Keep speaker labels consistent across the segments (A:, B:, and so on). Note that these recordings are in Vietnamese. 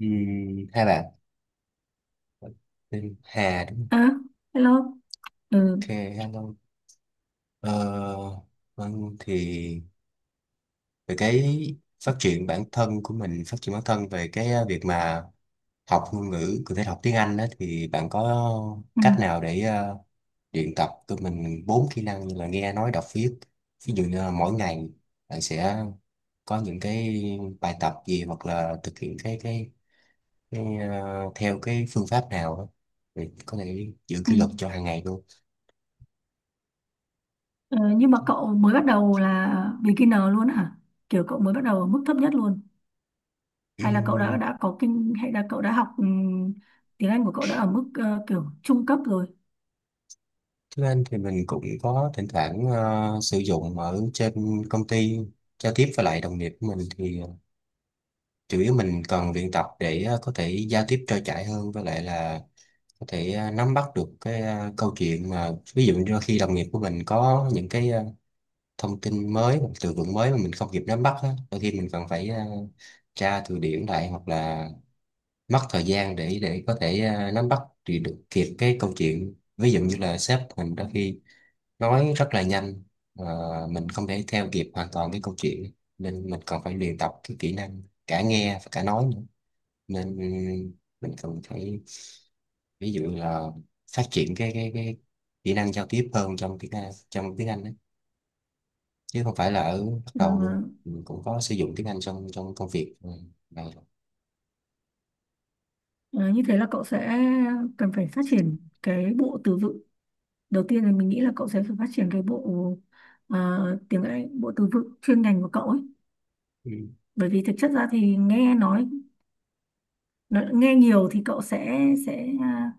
A: Hai bạn tên Hà đúng không?
B: À, hello. Ừ.
A: Ok, hello. ờ, vâng, thì về cái phát triển bản thân của mình, phát triển bản thân về cái việc mà học ngôn ngữ, cụ thể là học tiếng Anh đó, thì bạn có
B: Ừ,
A: cách nào để luyện tập cho mình bốn kỹ năng như là nghe, nói, đọc, viết, ví dụ như là mỗi ngày bạn sẽ có những cái bài tập gì, hoặc là thực hiện cái theo cái phương pháp nào đó thì có thể giữ
B: ừ.
A: kỷ luật cho hàng ngày luôn.
B: Ờ, nhưng mà cậu mới bắt đầu là beginner luôn hả? Kiểu cậu mới bắt đầu ở mức thấp nhất luôn. Hay là cậu đã
A: Ừm,
B: đã có kinh hay là cậu đã học tiếng Anh của cậu đã ở mức kiểu trung cấp rồi.
A: Tiếng Anh thì mình cũng có thỉnh thoảng sử dụng ở trên công ty, giao tiếp với lại đồng nghiệp của mình, thì chủ yếu mình cần luyện tập để có thể giao tiếp trôi chảy hơn, với lại là có thể nắm bắt được cái câu chuyện. Mà ví dụ như khi đồng nghiệp của mình có những cái thông tin mới hoặc từ vựng mới mà mình không kịp nắm bắt á, đôi khi mình cần phải tra từ điển lại, hoặc là mất thời gian để có thể nắm bắt thì được kịp cái câu chuyện. Ví dụ như là sếp mình đôi khi nói rất là nhanh, và mình không thể theo kịp hoàn toàn cái câu chuyện, nên mình còn phải luyện tập cái kỹ năng cả nghe và cả nói nữa. Nên mình cần phải, ví dụ là, phát triển cái kỹ năng giao tiếp hơn trong tiếng Anh đấy, chứ không phải là ở bắt
B: Ờ,
A: đầu luôn. Mình cũng có sử dụng tiếng Anh trong trong công việc này.
B: ờ, Như thế là cậu sẽ cần phải phát triển cái bộ từ vựng. Đầu tiên là mình nghĩ là cậu sẽ phải phát triển cái bộ ờ, tiếng Anh, bộ từ vựng chuyên ngành của cậu ấy.
A: Ừ.
B: Bởi vì thực chất ra thì nghe nói nó nghe nhiều thì cậu sẽ à,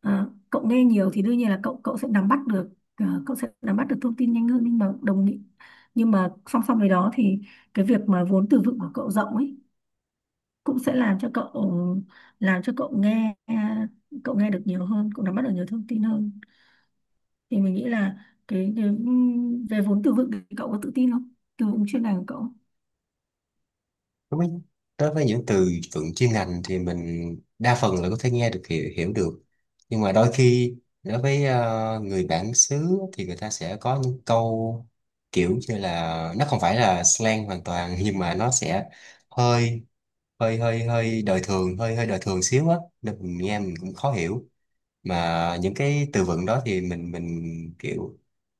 B: à, cậu nghe nhiều thì đương nhiên là cậu cậu sẽ nắm bắt được cậu sẽ nắm bắt được thông tin nhanh hơn, nhưng mà đồng ý, nhưng mà song song với đó thì cái việc mà vốn từ vựng của cậu rộng ấy cũng sẽ làm cho cậu, làm cho cậu nghe, cậu nghe được nhiều hơn, cậu nắm bắt được nhiều thông tin hơn. Thì mình nghĩ là cái về vốn từ vựng thì cậu có tự tin không, từ vựng chuyên ngành của cậu.
A: Đối với, đối với những từ vựng chuyên ngành thì mình đa phần là có thể nghe được, hiểu được. Nhưng mà đôi khi đối với người bản xứ thì người ta sẽ có những câu kiểu như là nó không phải là slang hoàn toàn nhưng mà nó sẽ hơi hơi hơi đời thường, hơi hơi đời thường xíu á, nên mình nghe mình cũng khó hiểu. Mà những cái từ vựng đó thì mình kiểu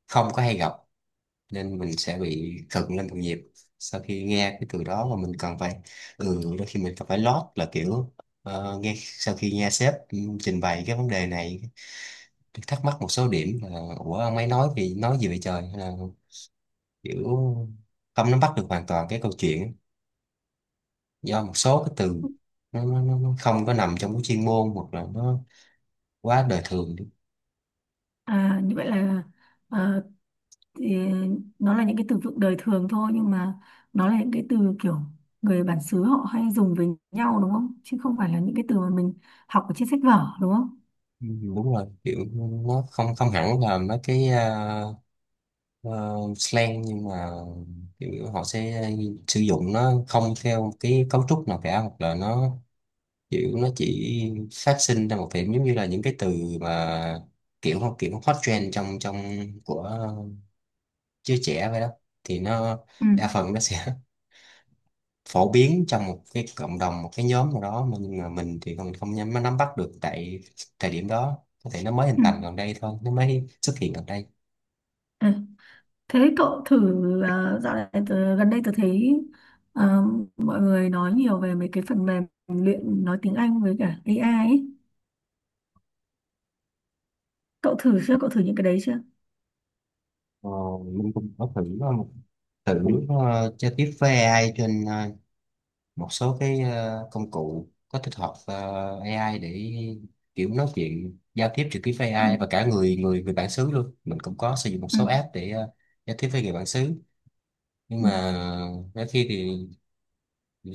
A: không có hay gặp, nên mình sẽ bị cận lên đồng nhịp sau khi nghe cái từ đó. Mà mình cần phải đôi khi mình cần phải lót là kiểu nghe, sau khi nghe sếp trình bày cái vấn đề này, thắc mắc một số điểm là ủa ông ấy nói thì nói gì vậy trời, hay là kiểu không nắm bắt được hoàn toàn cái câu chuyện, do một số cái từ nó không có nằm trong cái chuyên môn, hoặc là nó quá đời thường đi.
B: À, như vậy là à, Thì nó là những cái từ vựng đời thường thôi, nhưng mà nó là những cái từ kiểu người bản xứ họ hay dùng với nhau, đúng không, chứ không phải là những cái từ mà mình học ở trên sách vở, đúng không?
A: Ừ, đúng rồi, kiểu nó không không hẳn là mấy cái ờ, slang, nhưng mà kiểu họ sẽ sử dụng nó không theo một cái cấu trúc nào cả, hoặc là nó kiểu nó chỉ phát sinh ra một điểm, giống như là những cái từ mà kiểu kiểu hot trend trong trong của giới trẻ vậy đó. Thì nó
B: ừ
A: đa phần nó sẽ phổ biến trong một cái cộng đồng, một cái nhóm nào đó. Mà nhưng mà mình thì mình không nắm bắt được tại thời điểm đó, có thể nó mới hình
B: ừ
A: thành gần đây thôi, nó mới xuất hiện gần đây.
B: à, Thế cậu thử, dạo này tớ, gần đây tớ thấy ờ, mọi người nói nhiều về mấy cái phần mềm luyện nói tiếng Anh với cả AI ấy. Cậu thử chưa, cậu thử những cái đấy chưa?
A: Ờ, mình cũng có thử uh, thử giao tiếp với AI trên một số cái công cụ có tích hợp AI để kiểu nói chuyện giao tiếp trực tiếp với
B: ừ.
A: AI và cả người người người bản xứ luôn. Mình cũng có sử dụng một
B: ừ
A: số app để giao tiếp với người bản xứ, nhưng
B: ừ
A: mà đôi khi thì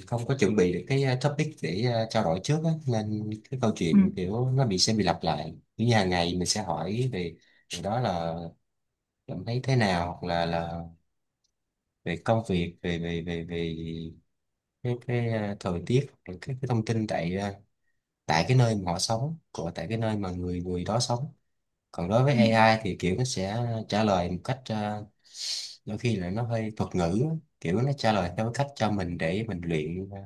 A: không có chuẩn bị được cái topic để trao đổi trước á, nên cái câu
B: ừ
A: chuyện kiểu nó sẽ bị lặp lại. Như hàng ngày mình sẽ hỏi về điều đó là cảm thấy thế nào, hoặc là về công việc, về về về về cái thời tiết, rồi cái thông tin tại tại cái nơi mà họ sống, của tại cái nơi mà người người đó sống. Còn đối
B: ừ
A: với AI thì kiểu nó sẽ trả lời một cách đôi khi là nó hơi thuật ngữ á. Kiểu nó trả lời theo cái cách cho mình để mình luyện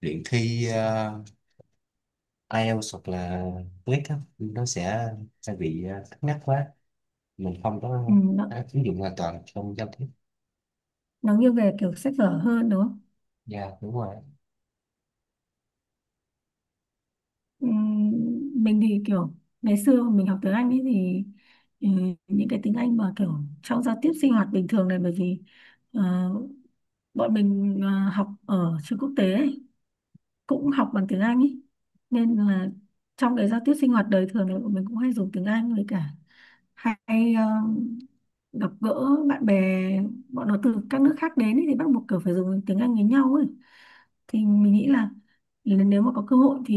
A: luyện thi IELTS hoặc là TOEIC á. Nó sẽ bị cứng nhắc quá, mình không
B: Ừ,
A: có áp ứng dụng hoàn toàn trong giao tiếp.
B: nó nghiêng về kiểu sách vở hơn đúng không?
A: Dạ đúng rồi.
B: Ừm, mình thì kiểu ngày xưa mình học tiếng Anh ấy, thì ừ, những cái tiếng Anh mà kiểu trong giao tiếp sinh hoạt bình thường này, bởi vì ờ, bọn mình học ở trường quốc tế ấy, cũng học bằng tiếng Anh ấy. Nên là trong cái giao tiếp sinh hoạt đời thường này bọn mình cũng hay dùng tiếng Anh, với cả hay gặp gỡ bạn bè bọn nó từ các nước khác đến ấy, thì bắt buộc kiểu phải dùng tiếng Anh với nhau ấy. Thì mình nghĩ là nếu mà có cơ hội thì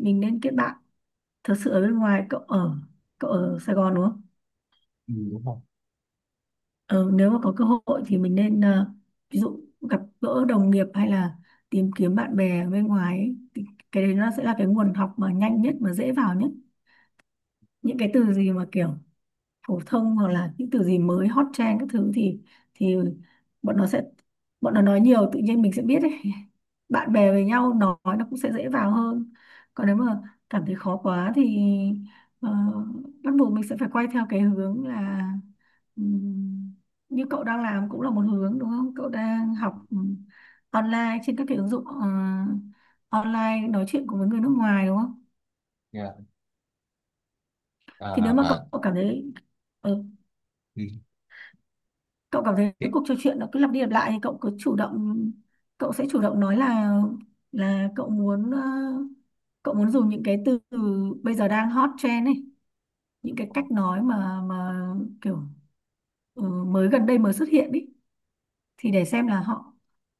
B: mình nên kết bạn thật sự ở bên ngoài. Cậu ở, cậu ở Sài Gòn đúng không?
A: Ừ, đúng không?
B: Ờ, nếu mà có cơ hội thì mình nên ví dụ gặp gỡ đồng nghiệp hay là tìm kiếm bạn bè ở bên ngoài ấy, thì cái đấy nó sẽ là cái nguồn học mà nhanh nhất, mà dễ vào nhất. Những cái từ gì mà kiểu phổ thông hoặc là những từ gì mới hot trend các thứ thì bọn nó sẽ, bọn nó nói nhiều tự nhiên mình sẽ biết ấy. Bạn bè với nhau nói nó cũng sẽ dễ vào hơn. Còn nếu mà cảm thấy khó quá thì ờ, bắt buộc mình sẽ phải quay theo cái hướng là ừm, như cậu đang làm cũng là một hướng, đúng không, cậu đang học online trên các cái ứng dụng online nói chuyện cùng với người nước ngoài, đúng không?
A: Dạ,
B: Thì nếu
A: à,
B: mà cậu
A: mà
B: cậu cảm thấy ừ, cậu cảm thấy
A: ừ.
B: cái cuộc trò chuyện nó cứ lặp đi lặp lại thì cậu cứ chủ động, cậu sẽ chủ động nói là cậu muốn cậu muốn dùng những cái từ bây giờ đang hot trend ấy, những cái cách nói mà kiểu mới gần đây mới xuất hiện ấy, thì để xem là họ,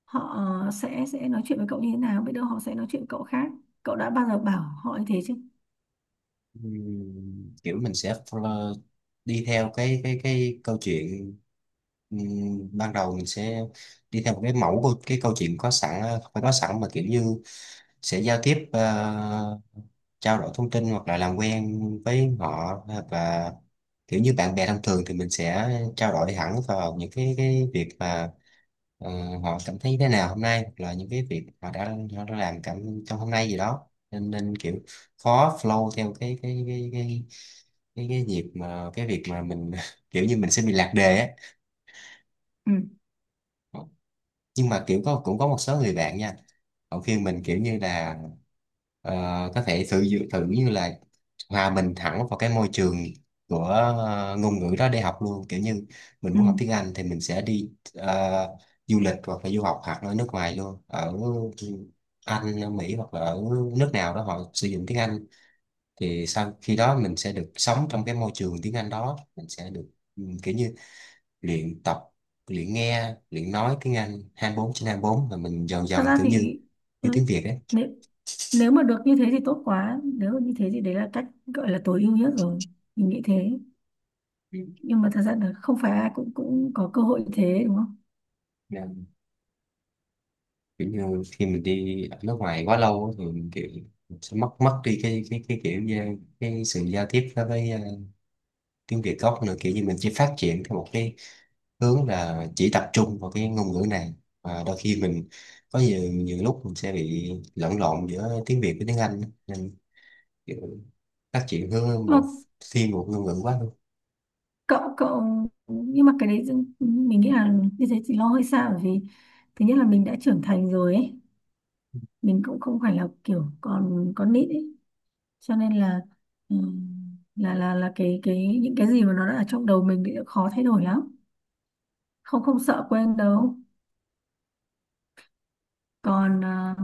B: họ sẽ nói chuyện với cậu như thế nào, biết đâu họ sẽ nói chuyện với cậu khác. Cậu đã bao giờ bảo họ như thế chứ?
A: Kiểu mình sẽ follow, đi theo cái câu chuyện. Ban đầu mình sẽ đi theo một cái mẫu của cái câu chuyện có sẵn, không phải có sẵn mà kiểu như sẽ giao tiếp, trao đổi thông tin hoặc là làm quen với họ, hoặc là kiểu như bạn bè thông thường thì mình sẽ trao đổi hẳn vào những cái việc mà ờ, họ cảm thấy thế nào hôm nay, hoặc là những cái việc họ đã làm cảm trong hôm nay gì đó, nên nên kiểu khó flow theo cái nhịp, mà cái việc mà mình kiểu như mình sẽ bị lạc đề
B: ừ
A: á. Nhưng mà kiểu cũng có một số người bạn nha, họ khuyên mình kiểu như là ờ, có thể thử như là hòa mình thẳng vào cái môi trường của ngôn ngữ đó để học luôn. Kiểu như mình muốn học tiếng
B: ừ
A: Anh thì mình sẽ đi du lịch hoặc là du học, hoặc ở nước ngoài luôn, ở Anh, ở Mỹ hoặc là ở nước nào đó họ sử dụng tiếng Anh, thì sau khi đó mình sẽ được sống trong cái môi trường tiếng Anh đó, mình sẽ được kiểu như luyện tập, luyện nghe, luyện nói tiếng Anh 24/24, là mình dần
B: Thật
A: dần
B: ra
A: kiểu như
B: thì
A: như
B: ừ,
A: tiếng Việt ấy.
B: nếu nếu mà được như thế thì tốt quá, nếu mà như thế thì đấy là cách gọi là tối ưu nhất rồi, mình nghĩ thế.
A: Ừ.
B: Nhưng mà thật ra là không phải ai cũng, cũng có cơ hội như thế, đúng không?
A: Nên kiểu như khi mình đi ở nước ngoài quá lâu á, thì mình kiểu mình sẽ mất mất đi cái kiểu như cái sự giao tiếp đối với tiếng Việt gốc nữa. Kiểu như mình chỉ phát triển theo một cái hướng là chỉ tập trung vào cái ngôn ngữ này, và đôi khi mình có nhiều nhiều lúc mình sẽ bị lẫn lộn giữa tiếng Việt với tiếng Anh, nên kiểu phát triển hướng
B: Nhưng
A: một,
B: mà
A: thiên một ngôn ngữ quá.
B: cậu cậu nhưng mà mình nghĩ là như thế thì lo hơi xa, bởi vì thứ nhất là mình đã trưởng thành rồi ấy, mình cũng không phải là kiểu còn con nít ấy, cho nên là ừ, là cái những cái gì mà nó đã ở trong đầu mình thì khó thay đổi lắm, không không sợ quên đâu. Còn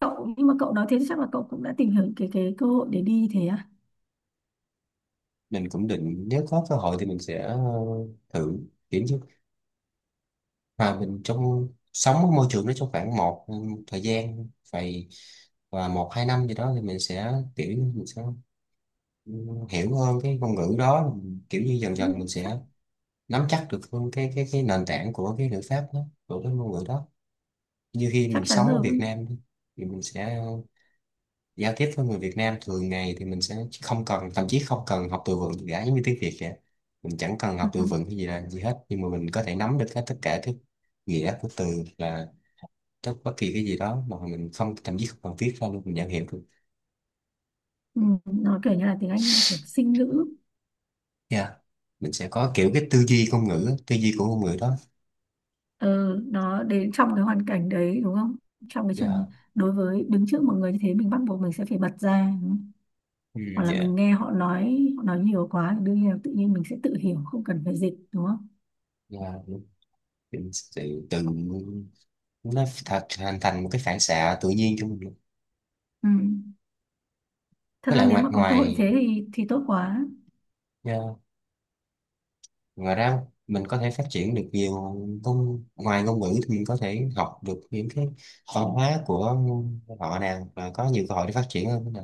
B: cậu, nhưng mà cậu nói thế chắc là cậu cũng đã tìm hiểu cái cơ hội để đi thế à.
A: Mình cũng định nếu có cơ hội thì mình sẽ thử, kiểu như mà mình trong sống ở môi trường đó trong khoảng một thời gian vài, và một hai năm gì đó thì mình sẽ kiểu như mình sẽ ừ, hiểu hơn cái ngôn ngữ đó. Kiểu như dần
B: Ừ,
A: dần mình
B: chắc
A: sẽ nắm chắc được hơn cái nền tảng của cái ngữ pháp đó, của cái ngôn ngữ đó. Như khi
B: chắc
A: mình
B: chắn
A: sống ở Việt
B: rồi.
A: Nam đi, thì mình sẽ giao tiếp với người Việt Nam thường ngày, thì mình sẽ không cần, thậm chí không cần học từ vựng gì cả, giống như tiếng Việt vậy. Mình chẳng cần
B: ừ.
A: học từ vựng cái gì là gì hết, nhưng mà mình có thể nắm được hết tất cả cái nghĩa của từ, là bất kỳ cái gì đó mà mình không, thậm chí không cần viết ra luôn, mình nhận hiểu được.
B: Ừ. nó kiểu như là tiếng Anh kiểu sinh ngữ,
A: Yeah. Mình sẽ có kiểu cái tư duy ngôn ngữ, tư duy của ngôn ngữ đó.
B: ừ, nó đến trong cái hoàn cảnh đấy, đúng không, trong cái
A: Yeah.
B: trường, đối với đứng trước một người như thế mình bắt buộc mình sẽ phải bật ra,
A: Ừ,
B: hoặc là
A: dạ.
B: mình nghe họ nói, họ nói nhiều quá thì đương nhiên là tự nhiên mình sẽ tự hiểu, không cần phải dịch đúng không.
A: Yeah. Mình sẽ tự, nó hình thành một cái phản xạ tự nhiên cho mình luôn.
B: Ừ. Thật
A: Nó
B: ra
A: là
B: nếu
A: ngoài,
B: mà có cơ hội thế thì tốt quá.
A: dạ. Ngoài ra mình có thể phát triển được nhiều, ngôn ngoài ngôn ngữ thì mình có thể học được những cái văn hóa của họ nè, và có nhiều cơ hội để phát triển hơn nữa nè.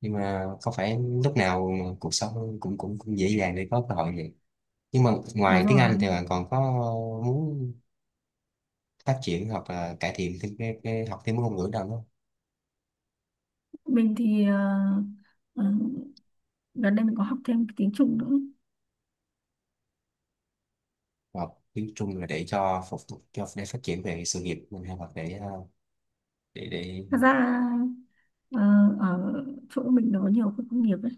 A: Nhưng mà không phải lúc nào cuộc sống cũng cũng, cũng dễ dàng để có cơ hội vậy. Nhưng mà ngoài
B: Đúng
A: tiếng Anh
B: rồi,
A: thì bạn còn có muốn phát triển hoặc là cải thiện thêm cái học thêm ngôn ngữ nào không?
B: mình thì ờ, gần đây mình có học thêm cái tiếng Trung nữa.
A: Hoặc tiếng Trung là để cho phục vụ, cho để phát triển về sự nghiệp mình, hay hoặc để để
B: Thật ra ờ, ở chỗ mình đó nhiều khu công nghiệp ấy,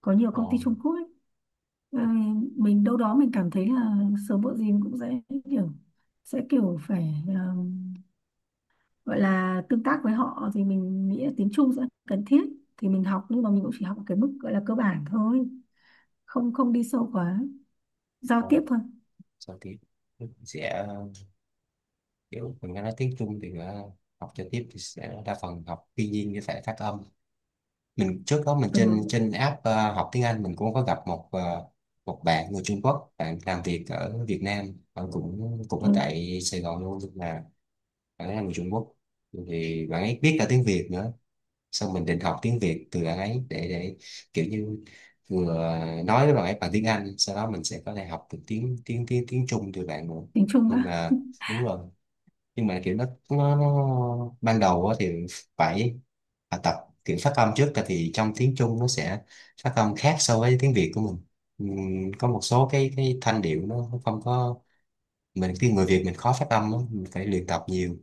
B: có nhiều
A: ờ,
B: công ty Trung Quốc ấy. Ờ, mình đâu đó mình cảm thấy là sớm muộn gì mình cũng sẽ kiểu, sẽ kiểu phải gọi là tương tác với họ, thì mình nghĩ là tiếng Trung sẽ cần thiết. Thì mình học, nhưng mà mình cũng chỉ học ở cái mức gọi là cơ bản thôi, không không đi sâu quá, giao
A: ờ,
B: tiếp thôi.
A: sao tiếp, sẽ kiểu mình nghe nói tiếng Trung thì học cho tiếp thì sẽ đa phần học thiên nhiên như thể phát âm. Mình trước đó mình
B: ừ,
A: trên trên app học tiếng Anh, mình cũng có gặp một bạn người Trung Quốc, bạn làm việc ở Việt Nam, bạn cũng cũng ở
B: ừ,
A: tại Sài Gòn luôn, nhưng mà bạn ấy là người Trung Quốc, thì bạn ấy biết cả tiếng Việt nữa. Xong mình định học tiếng Việt từ bạn ấy để kiểu như vừa nói với bạn ấy bằng tiếng Anh, sau đó mình sẽ có thể học được tiếng tiếng tiếng tiếng Trung từ bạn nữa.
B: Tiếng Trung
A: Nhưng
B: á.
A: mà đúng rồi. Nhưng mà kiểu nó ban đầu á thì phải tập kiểu phát âm trước, tại vì trong tiếng Trung nó sẽ phát âm khác so với tiếng Việt của mình. Có một số cái thanh điệu nó không có. Mình khi người Việt mình khó phát âm lắm, mình phải luyện tập nhiều,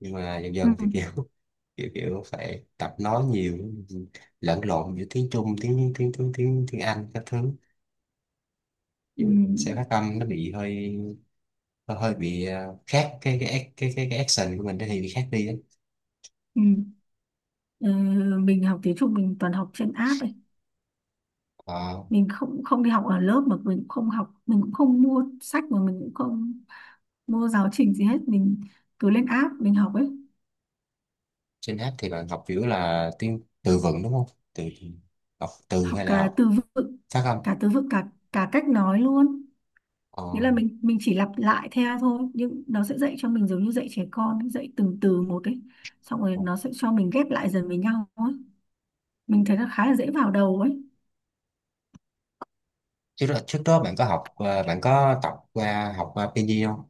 A: nhưng mà dần
B: ừ,
A: dần thì kiểu kiểu kiểu phải tập nói nhiều, lẫn lộn giữa tiếng Trung, tiếng tiếng tiếng tiếng tiếng Anh các thứ. Ví
B: ừ,
A: dụ mình sẽ phát âm nó bị hơi hơi bị khác, cái action của mình nó thì bị khác đi á.
B: ừ. Ờ, mình học tiếng Trung mình toàn học trên app ấy,
A: Ờ.
B: mình không không đi học ở lớp, mà mình cũng không học, mình cũng không mua sách, mà mình cũng không mua giáo trình gì hết, mình cứ lên app mình học ấy.
A: Trên app thì bạn học kiểu là tiếng từ vựng đúng không? Từ, học từ
B: Học
A: hay là
B: cả
A: học
B: từ vựng,
A: phát âm?
B: cả cả cách nói luôn. Nghĩa
A: Ờ.
B: là mình chỉ lặp lại theo thôi, nhưng nó sẽ dạy cho mình giống như dạy trẻ con, dạy từng từ một ấy, xong rồi nó sẽ cho mình ghép lại dần với nhau ấy, mình thấy nó khá là dễ vào đầu ấy.
A: Trước đó bạn có học bạn có tập qua, học qua pinyin không?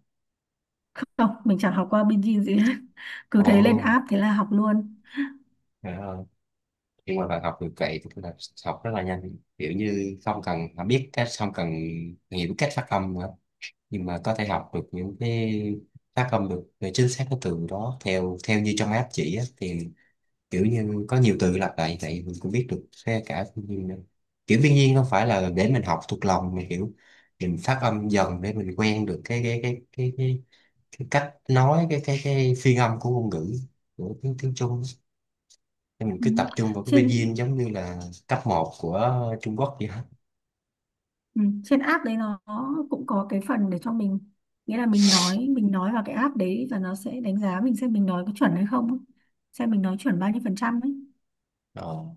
B: Không, mình chẳng học qua binge gì hết. Cứ thế lên
A: Ồ,
B: app thế là học luôn.
A: trời ơi. Nhưng mà bạn học được vậy tức là học rất là nhanh, kiểu như không cần mà biết cách, không cần hiểu cách phát âm nữa, nhưng mà có thể học được những cái phát âm được về chính xác cái từ đó theo theo như trong app chỉ á, thì kiểu như có nhiều từ lặp lại như vậy mình cũng biết được xe cả thiên nhiên nữa. Kiểu thiên nhiên không phải là để mình học thuộc lòng, mà kiểu mình phát âm dần để mình quen được cái cách nói, cái phiên âm của ngôn ngữ, của tiếng tiếng Trung. Nên mình
B: Ừ.
A: cứ tập trung vào cái
B: trên
A: pinyin giống như là cấp một của Trung Quốc vậy đó.
B: Ừ. Trên app đấy nó cũng có cái phần để cho mình, nghĩa là mình nói, mình nói vào cái app đấy và nó sẽ đánh giá mình xem mình nói có chuẩn hay không ấy, xem mình nói chuẩn bao nhiêu phần trăm ấy.
A: Đó.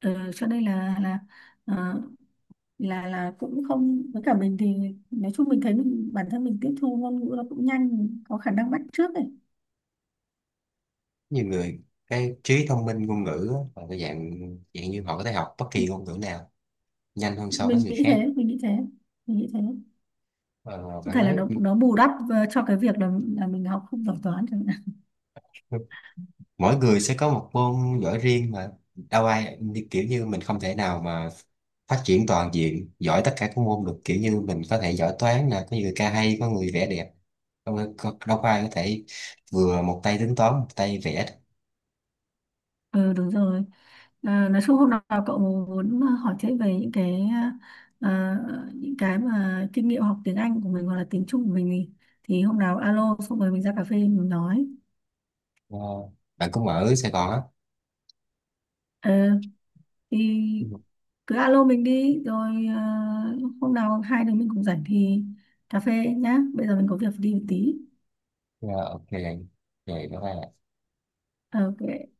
B: Ừ, cho nên là ờ, là cũng không, với cả mình thì nói chung mình thấy mình, bản thân mình tiếp thu ngôn ngữ nó cũng nhanh, mình có khả năng bắt chước ấy.
A: Nhiều người cái trí thông minh ngôn ngữ á, là cái dạng dạng như họ có thể học bất kỳ ngôn ngữ nào nhanh hơn so với
B: mình
A: người
B: nghĩ
A: khác.
B: thế mình nghĩ thế mình nghĩ thế.
A: Ờ,
B: Có
A: bạn
B: thể là
A: nói
B: nó bù đắp cho cái việc là mình học không giỏi toán chẳng hạn.
A: mỗi người sẽ có một môn giỏi riêng, mà đâu ai kiểu như mình không thể nào mà phát triển toàn diện giỏi tất cả các môn được, kiểu như mình có thể giỏi toán nè, có người ca hay, có người vẽ đẹp. Đâu, đâu có ai có thể vừa một tay tính toán, một tay vẽ được.
B: Ừ đúng rồi. À, nói chung hôm nào cậu muốn hỏi thêm về những cái à, những cái mà kinh nghiệm học tiếng Anh của mình hoặc là tiếng Trung của mình thì hôm nào alo xong rồi mình ra cà phê mình nói.
A: Ờ, bạn cũng ở Sài Gòn á?
B: Ờ, thì cứ alo mình đi rồi hôm nào hai đứa mình cùng rảnh thì cà phê nhá. Bây giờ mình có việc đi một tí.
A: Dạ, ok rồi, bye bye.
B: Ok.